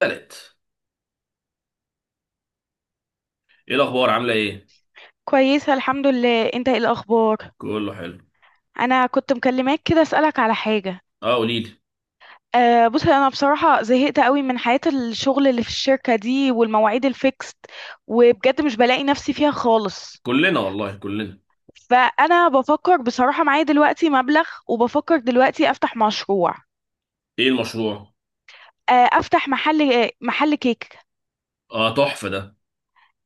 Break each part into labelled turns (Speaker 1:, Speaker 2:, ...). Speaker 1: تالت. ايه الاخبار؟ عامله ايه؟
Speaker 2: كويسة الحمد لله، انت ايه الاخبار؟
Speaker 1: كله حلو.
Speaker 2: انا كنت مكلماك كده اسألك على حاجة.
Speaker 1: اه، قولي لي.
Speaker 2: أه بص، انا بصراحة زهقت قوي من حياة الشغل اللي في الشركة دي والمواعيد الفيكست، وبجد مش بلاقي نفسي فيها خالص.
Speaker 1: كلنا والله كلنا.
Speaker 2: فانا بفكر بصراحة معايا دلوقتي مبلغ، وبفكر دلوقتي افتح مشروع.
Speaker 1: ايه المشروع؟
Speaker 2: افتح محل كيك.
Speaker 1: اه، تحفه ده.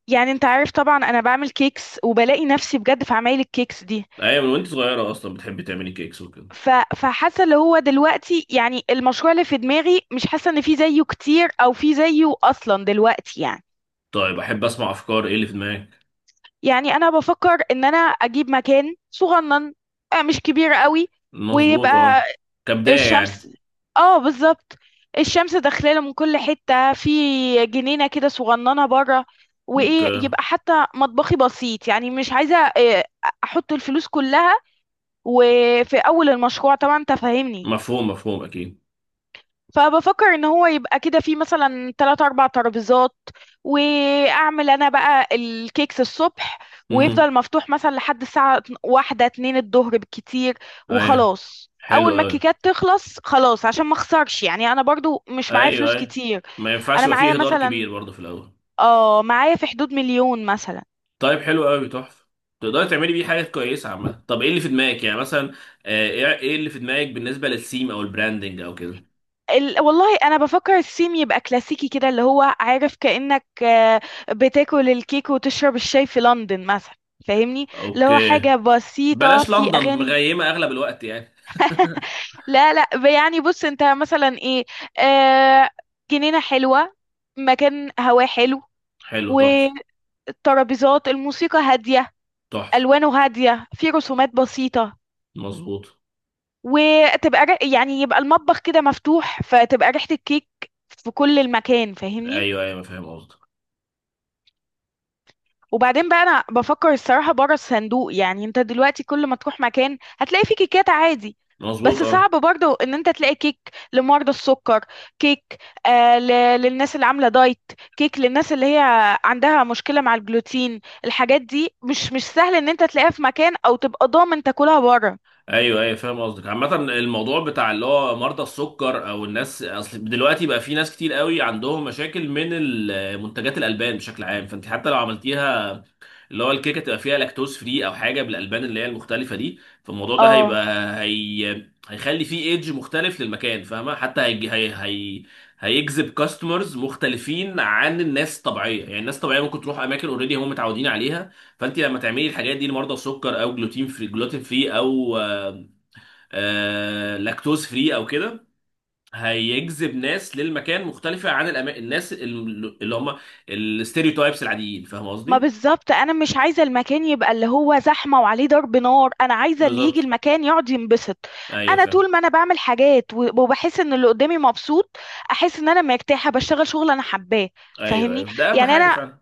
Speaker 2: يعني انت عارف طبعا انا بعمل كيكس، وبلاقي نفسي بجد في عمايل الكيكس دي.
Speaker 1: ايوه، من وانت صغيره اصلا بتحبي تعملي كيكس وكده.
Speaker 2: ف... فحاسه اللي هو دلوقتي يعني المشروع اللي في دماغي، مش حاسه ان في زيه كتير او في زيه اصلا دلوقتي يعني.
Speaker 1: طيب، احب اسمع افكار، ايه اللي في دماغك؟
Speaker 2: يعني انا بفكر ان انا اجيب مكان صغنن، مش كبير قوي.
Speaker 1: مظبوط
Speaker 2: ويبقى
Speaker 1: اه. كبدايه
Speaker 2: الشمس.
Speaker 1: يعني.
Speaker 2: اه بالظبط، الشمس داخلاله من كل حته، في جنينه كده صغننه بره.
Speaker 1: اوكي.
Speaker 2: وايه، يبقى حتى مطبخي بسيط، يعني مش عايزه احط الفلوس كلها وفي اول المشروع، طبعا انت فاهمني.
Speaker 1: مفهوم مفهوم اكيد.
Speaker 2: فبفكر ان هو يبقى كده في مثلا تلات اربع ترابيزات، واعمل انا بقى الكيكس الصبح،
Speaker 1: امم
Speaker 2: ويفضل مفتوح مثلا لحد الساعة واحدة اتنين الظهر بالكتير.
Speaker 1: ايوه،
Speaker 2: وخلاص
Speaker 1: حلو
Speaker 2: اول ما
Speaker 1: قوي.
Speaker 2: الكيكات تخلص خلاص، عشان ما اخسرش، يعني انا برضو مش معايا
Speaker 1: ايوه
Speaker 2: فلوس
Speaker 1: ايوه،
Speaker 2: كتير.
Speaker 1: ما ينفعش
Speaker 2: انا
Speaker 1: يبقى
Speaker 2: معايا
Speaker 1: فيه هدار
Speaker 2: مثلا،
Speaker 1: كبير برضه في الاول.
Speaker 2: اه معايا في حدود مليون مثلا.
Speaker 1: طيب، حلو قوي تحفه، تقدري تعملي بيه حاجات كويسه عامه. طب ايه اللي في دماغك يعني مثلا؟ ايه اللي في دماغك بالنسبه للثيم او البراندنج او كده؟
Speaker 2: والله انا بفكر الثيم يبقى كلاسيكي كده، اللي هو عارف كأنك بتاكل الكيك وتشرب الشاي في لندن مثلا. فاهمني؟ اللي هو
Speaker 1: اوكي.
Speaker 2: حاجة بسيطة
Speaker 1: بلاش
Speaker 2: في
Speaker 1: لندن،
Speaker 2: أغاني.
Speaker 1: مغيمة اغلب الوقت يعني.
Speaker 2: لا لا، يعني بص انت مثلا ايه، آه جنينة حلوة، مكان هواه حلو.
Speaker 1: حلو تحفة.
Speaker 2: والترابيزات، الموسيقى هادية،
Speaker 1: تحفة.
Speaker 2: ألوانه هادية، في رسومات بسيطة.
Speaker 1: مظبوط.
Speaker 2: يعني يبقى المطبخ كده مفتوح، فتبقى ريحة الكيك في كل المكان. فاهمني؟
Speaker 1: ايوه ايوه فاهم قصدك.
Speaker 2: وبعدين بقى انا بفكر الصراحه بره الصندوق، يعني انت دلوقتي كل ما تروح مكان هتلاقي فيه كيكات عادي.
Speaker 1: مظبوط
Speaker 2: بس صعب
Speaker 1: اه.
Speaker 2: برضه ان انت تلاقي كيك لمرضى السكر، كيك للناس اللي عامله دايت، كيك للناس اللي هي عندها مشكله مع الجلوتين. الحاجات دي مش سهل ان انت تلاقيها في مكان، او تبقى ضامن تاكلها بره.
Speaker 1: ايوه ايوه فاهم قصدك، عامة الموضوع بتاع اللي هو مرضى السكر او الناس، اصل دلوقتي بقى في ناس كتير قوي عندهم مشاكل من منتجات الالبان بشكل عام، فانت حتى لو عملتيها اللي هو الكيكه تبقى فيها لاكتوز فري او حاجه بالالبان اللي هي المختلفه دي، فالموضوع ده هيبقى
Speaker 2: اه
Speaker 1: هيخلي فيه ايدج مختلف للمكان، فاهمه؟ حتى هيجذب كاستمرز مختلفين عن الناس الطبيعيه، يعني الناس الطبيعيه ممكن تروح اماكن اوريدي هم متعودين عليها. فانت لما تعملي الحاجات دي لمرضى السكر او جلوتين فري جلوتين فري او لاكتوز فري او كده، هيجذب ناس للمكان مختلفه عن الناس اللي هم الستيريوتايبس العاديين، فاهم
Speaker 2: ما
Speaker 1: قصدي؟
Speaker 2: بالظبط، انا مش عايزه المكان يبقى اللي هو زحمه وعليه ضرب نار، انا عايزه اللي
Speaker 1: بالظبط.
Speaker 2: يجي المكان يقعد ينبسط.
Speaker 1: ايوه
Speaker 2: انا
Speaker 1: فاهم.
Speaker 2: طول ما انا بعمل حاجات وبحس ان اللي قدامي مبسوط، احس ان انا مرتاحه، بشتغل شغل انا حباه.
Speaker 1: ايوه
Speaker 2: فاهمني؟
Speaker 1: ايوه، ده اهم
Speaker 2: يعني
Speaker 1: حاجه
Speaker 2: انا،
Speaker 1: فعلا.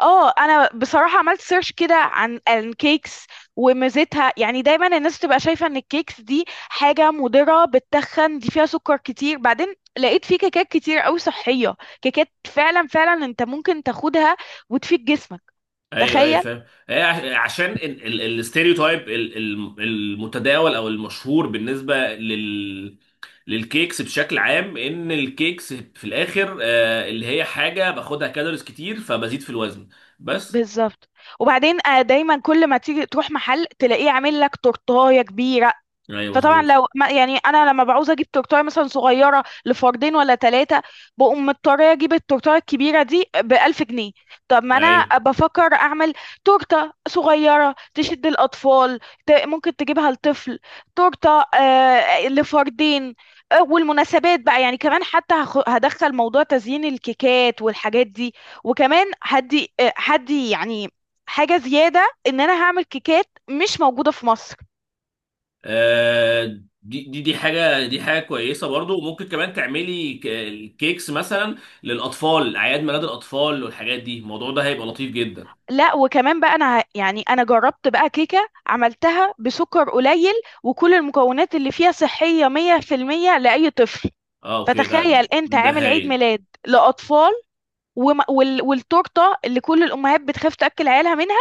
Speaker 2: اه انا بصراحه عملت سيرش كده عن الكيكس وميزتها. يعني دايما الناس تبقى شايفه ان الكيكس دي حاجه مضره، بتتخن، دي فيها سكر كتير. بعدين لقيت في كيكات كتير قوي صحيه، كيكات فعلا فعلا انت ممكن تاخدها وتفيد جسمك.
Speaker 1: ايوه ايوه
Speaker 2: تخيل!
Speaker 1: فاهم، هي عشان الاستيريوتايب المتداول او المشهور بالنسبه للكيكس بشكل عام، ان الكيكس في الاخر اللي هي حاجه باخدها كالوريز كتير فبزيد في الوزن بس.
Speaker 2: بالظبط. وبعدين دايما كل ما تيجي تروح محل تلاقيه عامل لك تورتايه كبيره.
Speaker 1: ايوه
Speaker 2: فطبعا
Speaker 1: مظبوط.
Speaker 2: لو ما يعني انا لما بعوز اجيب تورتايه مثلا صغيره لفردين ولا ثلاثه، بقوم مضطره اجيب التورتايه الكبيره دي ب 1000 جنيه. طب ما انا
Speaker 1: ايوه
Speaker 2: بفكر اعمل تورته صغيره تشد الاطفال، ممكن تجيبها لطفل، تورته آه لفردين. والمناسبات بقى يعني كمان، حتى هدخل موضوع تزيين الكيكات والحاجات دي. وكمان هدي هدي يعني حاجه زياده، ان انا هعمل كيكات مش موجوده في مصر.
Speaker 1: دي حاجه، دي حاجه كويسه برضو، وممكن كمان تعملي كيكس مثلا للاطفال، اعياد ميلاد الاطفال والحاجات دي، الموضوع ده هيبقى لطيف جدا.
Speaker 2: لا وكمان بقى انا يعني انا جربت بقى كيكة عملتها بسكر قليل، وكل المكونات اللي فيها صحية 100% لأي طفل.
Speaker 1: اه اوكي، ده
Speaker 2: فتخيل انت
Speaker 1: ده
Speaker 2: عامل عيد
Speaker 1: هايل.
Speaker 2: ميلاد لأطفال، والتورتة اللي كل الأمهات بتخاف تأكل عيالها منها،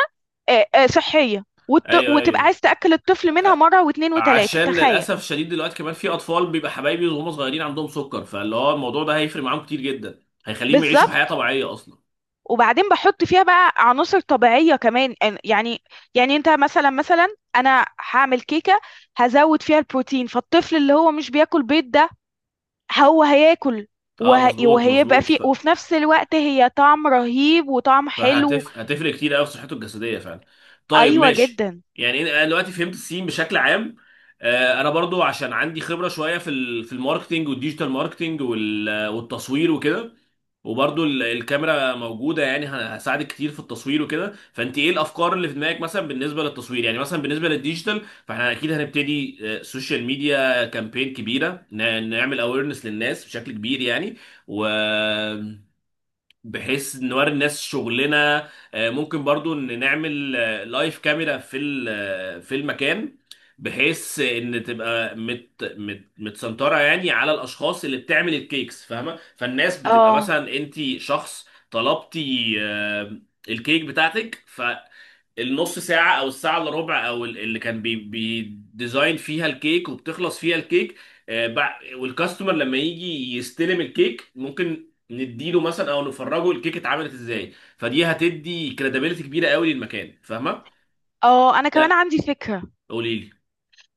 Speaker 2: صحية
Speaker 1: ايوه
Speaker 2: وتبقى
Speaker 1: ايوه.
Speaker 2: عايز تأكل الطفل منها
Speaker 1: أ-
Speaker 2: مرة واتنين وتلاتة.
Speaker 1: عشان
Speaker 2: تخيل!
Speaker 1: للاسف شديد دلوقتي كمان في اطفال بيبقى حبايبي وهم صغيرين عندهم سكر، فاللي هو الموضوع ده هيفرق معاهم كتير جدا، هيخليهم يعيشوا حياه
Speaker 2: بالظبط.
Speaker 1: طبيعيه اصلا.
Speaker 2: وبعدين بحط فيها بقى عناصر طبيعية كمان، يعني، يعني انت مثلا، انا هعمل كيكة هزود فيها البروتين، فالطفل اللي هو مش بياكل بيض ده، هو هياكل،
Speaker 1: اه مظبوط
Speaker 2: وهيبقى
Speaker 1: مظبوط،
Speaker 2: فيه،
Speaker 1: ف...
Speaker 2: وفي نفس الوقت هي طعم رهيب وطعم حلو.
Speaker 1: فهتف هتفرق كتير قوي في صحته الجسديه فعلا. طيب
Speaker 2: ايوه
Speaker 1: ماشي،
Speaker 2: جدا.
Speaker 1: يعني انا دلوقتي فهمت السين بشكل عام. انا برضو عشان عندي خبره شويه في في الماركتينج والديجيتال ماركتينج والتصوير وكده، وبرضو الكاميرا موجوده يعني هساعدك كتير في التصوير وكده. فانت ايه الافكار اللي في دماغك مثلا بالنسبه للتصوير؟ يعني مثلا بالنسبه للديجيتال، فاحنا اكيد هنبتدي سوشيال ميديا كامبين كبيره، نعمل اويرنس للناس بشكل كبير يعني. و بحيث نوري الناس شغلنا. ممكن برضو ان نعمل لايف كاميرا في ال- آه، في المكان، بحيث ان تبقى مت مت متسنطره يعني على الاشخاص اللي بتعمل الكيكس، فاهمه؟ فالناس بتبقى
Speaker 2: اه
Speaker 1: مثلا انت شخص طلبتي الكيك بتاعتك، النص ساعة أو الساعة إلا ربع، أو اللي كان بيديزاين فيها الكيك وبتخلص فيها الكيك، والكاستمر لما يجي يستلم الكيك ممكن نديله مثلا أو نفرجه الكيك اتعملت إزاي، فدي هتدي كريديبيلتي كبيرة قوي للمكان، فاهمة؟
Speaker 2: اه، انا
Speaker 1: ده،
Speaker 2: كمان عندي فكرة.
Speaker 1: قولي لي.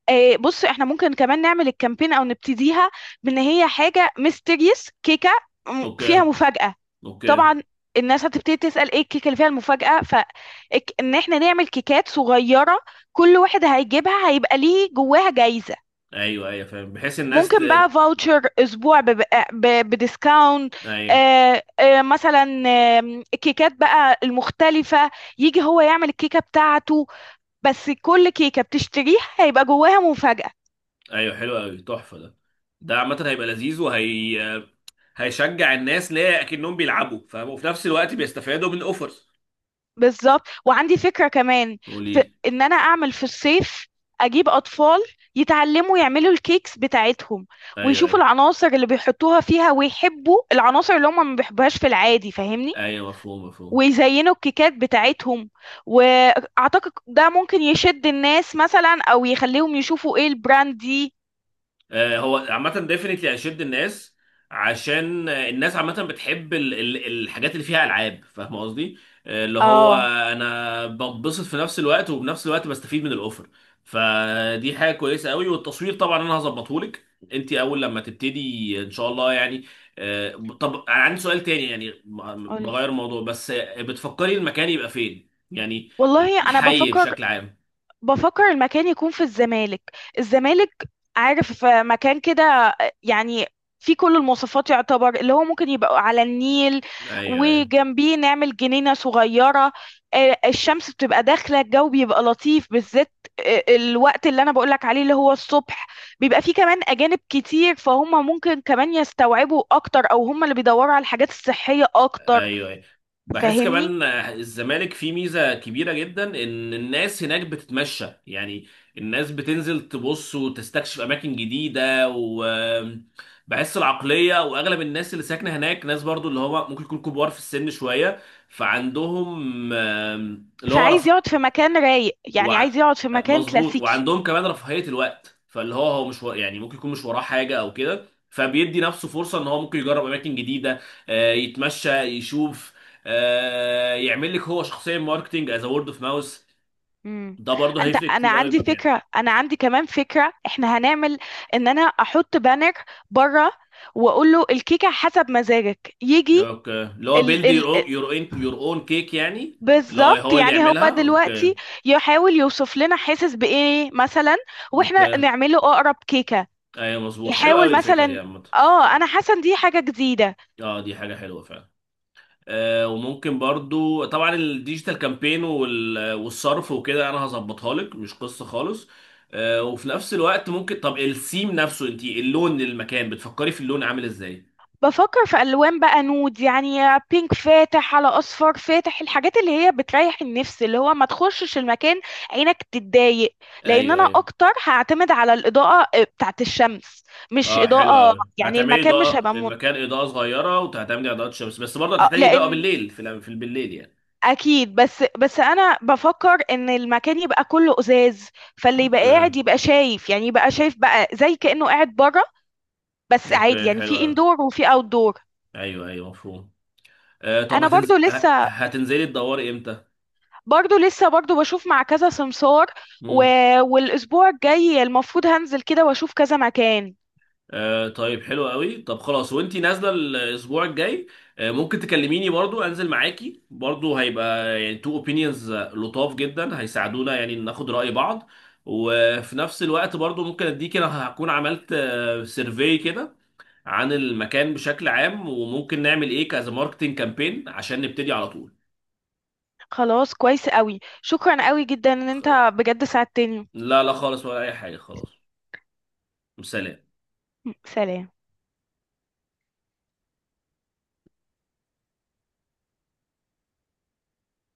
Speaker 2: بص، احنا ممكن كمان نعمل الكامبين او نبتديها بان هي حاجة ميستيريس كيكة،
Speaker 1: أوكي
Speaker 2: فيها مفاجأة.
Speaker 1: أوكي.
Speaker 2: طبعا الناس هتبتدي تسأل ايه الكيكة اللي فيها المفاجأة، فان احنا نعمل كيكات صغيرة كل واحد هيجيبها هيبقى ليه جواها جايزة.
Speaker 1: أيوه أيوه فاهم، بحيث الناس
Speaker 2: ممكن بقى فاوتشر اسبوع بديسكاونت.
Speaker 1: أيوه
Speaker 2: مثلا آه الكيكات بقى المختلفة، يجي هو يعمل الكيكة بتاعته، بس كل كيكة بتشتريها هيبقى جواها مفاجأة.
Speaker 1: أيوه، حلو قوي تحفة ده. ده عامة هيبقى لذيذ، وهي هيشجع الناس ليه، أكنهم بيلعبوا، فاهم؟ وفي نفس الوقت بيستفادوا من أوفرز.
Speaker 2: بالظبط. وعندي فكرة كمان،
Speaker 1: قولي
Speaker 2: في
Speaker 1: لي.
Speaker 2: ان انا اعمل في الصيف اجيب اطفال يتعلموا يعملوا الكيكس بتاعتهم،
Speaker 1: ايوه
Speaker 2: ويشوفوا
Speaker 1: أيوه.
Speaker 2: العناصر اللي بيحطوها فيها، ويحبوا العناصر اللي هم ما بيحبوهاش في العادي. فاهمني؟
Speaker 1: ايوه مفهوم مفهوم.
Speaker 2: ويزينوا الكيكات بتاعتهم. واعتقد ده ممكن يشد الناس مثلا، او يخليهم يشوفوا ايه البراند دي.
Speaker 1: هو عامة ديفنتلي هيشد الناس، عشان الناس عامة بتحب الحاجات اللي فيها ألعاب، فاهم قصدي؟ اللي هو
Speaker 2: اه
Speaker 1: أنا بتبسط في نفس الوقت، وبنفس الوقت بستفيد من الأوفر، فدي حاجة كويسة قوي. والتصوير طبعا أنا هظبطهولك أنت أول لما تبتدي إن شاء الله يعني. طب أنا عندي سؤال تاني، يعني
Speaker 2: قولي.
Speaker 1: بغير الموضوع، بس بتفكري المكان يبقى فين يعني؟
Speaker 2: والله انا
Speaker 1: الحي
Speaker 2: بفكر،
Speaker 1: بشكل عام؟
Speaker 2: بفكر المكان يكون في الزمالك. الزمالك، عارف مكان كده، يعني في كل المواصفات، يعتبر اللي هو ممكن يبقى على النيل،
Speaker 1: ايوه أيوه.
Speaker 2: وجنبيه نعمل جنينة صغيرة. الشمس بتبقى داخلة، الجو بيبقى لطيف، بالذات الوقت اللي أنا بقولك عليه اللي هو الصبح. بيبقى فيه كمان أجانب كتير، فهم ممكن كمان يستوعبوا أكتر، أو هم اللي بيدوروا على الحاجات الصحية أكتر.
Speaker 1: ايوه أيوة. بحس
Speaker 2: فاهمني؟
Speaker 1: كمان الزمالك فيه ميزه كبيره جدا، ان الناس هناك بتتمشى يعني، الناس بتنزل تبص وتستكشف اماكن جديده، وبحس العقليه واغلب الناس اللي ساكنه هناك ناس، برضو اللي هو ممكن يكون كبار في السن شويه، فعندهم اللي هو،
Speaker 2: فعايز يقعد في مكان رايق، يعني
Speaker 1: وع...
Speaker 2: عايز يقعد في مكان
Speaker 1: مظبوط،
Speaker 2: كلاسيكي.
Speaker 1: وعندهم كمان رفاهية الوقت، فاللي هو هو مش يعني ممكن يكون مش وراه حاجة او كده، فبيدي نفسه فرصة ان هو ممكن يجرب اماكن جديدة، يتمشى، يشوف، يعمل لك هو شخصيا ماركتنج از وورد اوف ماوس،
Speaker 2: امم،
Speaker 1: ده برضه
Speaker 2: انت
Speaker 1: هيفرق
Speaker 2: انا
Speaker 1: كتير قوي
Speaker 2: عندي
Speaker 1: المكان.
Speaker 2: فكره، انا عندي كمان فكره، احنا هنعمل ان انا احط بانر بره، واقول له الكيكه حسب مزاجك يجي.
Speaker 1: اوكي، اللي هو
Speaker 2: ال
Speaker 1: بيلد يور
Speaker 2: ال،
Speaker 1: اون يور اون كيك يعني، اللي هو
Speaker 2: بالظبط.
Speaker 1: هو اللي
Speaker 2: يعني هو
Speaker 1: يعملها. اوكي
Speaker 2: دلوقتي يحاول يوصف لنا حاسس بايه مثلا،
Speaker 1: اوكي.
Speaker 2: واحنا نعمله اقرب كيكه.
Speaker 1: ايوه مظبوط، حلو
Speaker 2: يحاول
Speaker 1: قوي الفكرة دي
Speaker 2: مثلا،
Speaker 1: عامة.
Speaker 2: اه، انا حاسه إن دي حاجه جديده.
Speaker 1: اه دي حاجة حلوة فعلا. وممكن برضو طبعا الديجيتال كامبين والصرف وكده انا هظبطها لك، مش قصة خالص. وفي نفس الوقت ممكن، طب السيم نفسه انت اللون للمكان بتفكري في اللون عامل ازاي؟
Speaker 2: بفكر في ألوان بقى نود يعني، بينك فاتح على أصفر فاتح، الحاجات اللي هي بتريح النفس، اللي هو ما تخشش المكان عينك تتضايق. لأن
Speaker 1: ايوه
Speaker 2: أنا
Speaker 1: ايوه.
Speaker 2: أكتر هعتمد على الإضاءة بتاعت الشمس، مش
Speaker 1: اه حلو
Speaker 2: إضاءة،
Speaker 1: قوي،
Speaker 2: يعني
Speaker 1: هتعملي
Speaker 2: المكان مش
Speaker 1: اضاءة
Speaker 2: هيبقى من...
Speaker 1: المكان اضاءة صغيرة وهتعملي اضاءة شمس، بس برضه
Speaker 2: آه،
Speaker 1: هتحتاجي اضاءة
Speaker 2: لأن
Speaker 1: بالليل في في بالليل يعني.
Speaker 2: أكيد. بس أنا بفكر إن المكان يبقى كله إزاز، فاللي يبقى
Speaker 1: اوكي
Speaker 2: قاعد يبقى شايف، يعني يبقى شايف بقى زي كأنه قاعد بره، بس عادي
Speaker 1: اوكي
Speaker 2: يعني،
Speaker 1: حلو
Speaker 2: في
Speaker 1: قوي.
Speaker 2: إندور وفي أوتدور.
Speaker 1: ايوه ايوه مفهوم. طب
Speaker 2: أنا برضو لسه،
Speaker 1: هتنزلي تدوري امتى؟
Speaker 2: برضو بشوف مع كذا سمسار، و...
Speaker 1: مم.
Speaker 2: والاسبوع الجاي المفروض هنزل كده واشوف كذا مكان.
Speaker 1: آه طيب حلو قوي، طب خلاص وانتي نازله الاسبوع الجاي، ممكن تكلميني، برضو انزل معاكي، برضو هيبقى يعني تو اوبينيونز لطاف جدا، هيساعدونا يعني ناخد رأي بعض. وفي نفس الوقت برضو ممكن اديكي انا هكون عملت سيرفي كده عن المكان بشكل عام، وممكن نعمل ايه كذا ماركتنج كامبين عشان نبتدي على طول.
Speaker 2: خلاص كويس قوي، شكرا قوي جدا ان انت بجد ساعدتني.
Speaker 1: لا لا خالص، ولا اي حاجه. خلاص. سلام.
Speaker 2: سلام.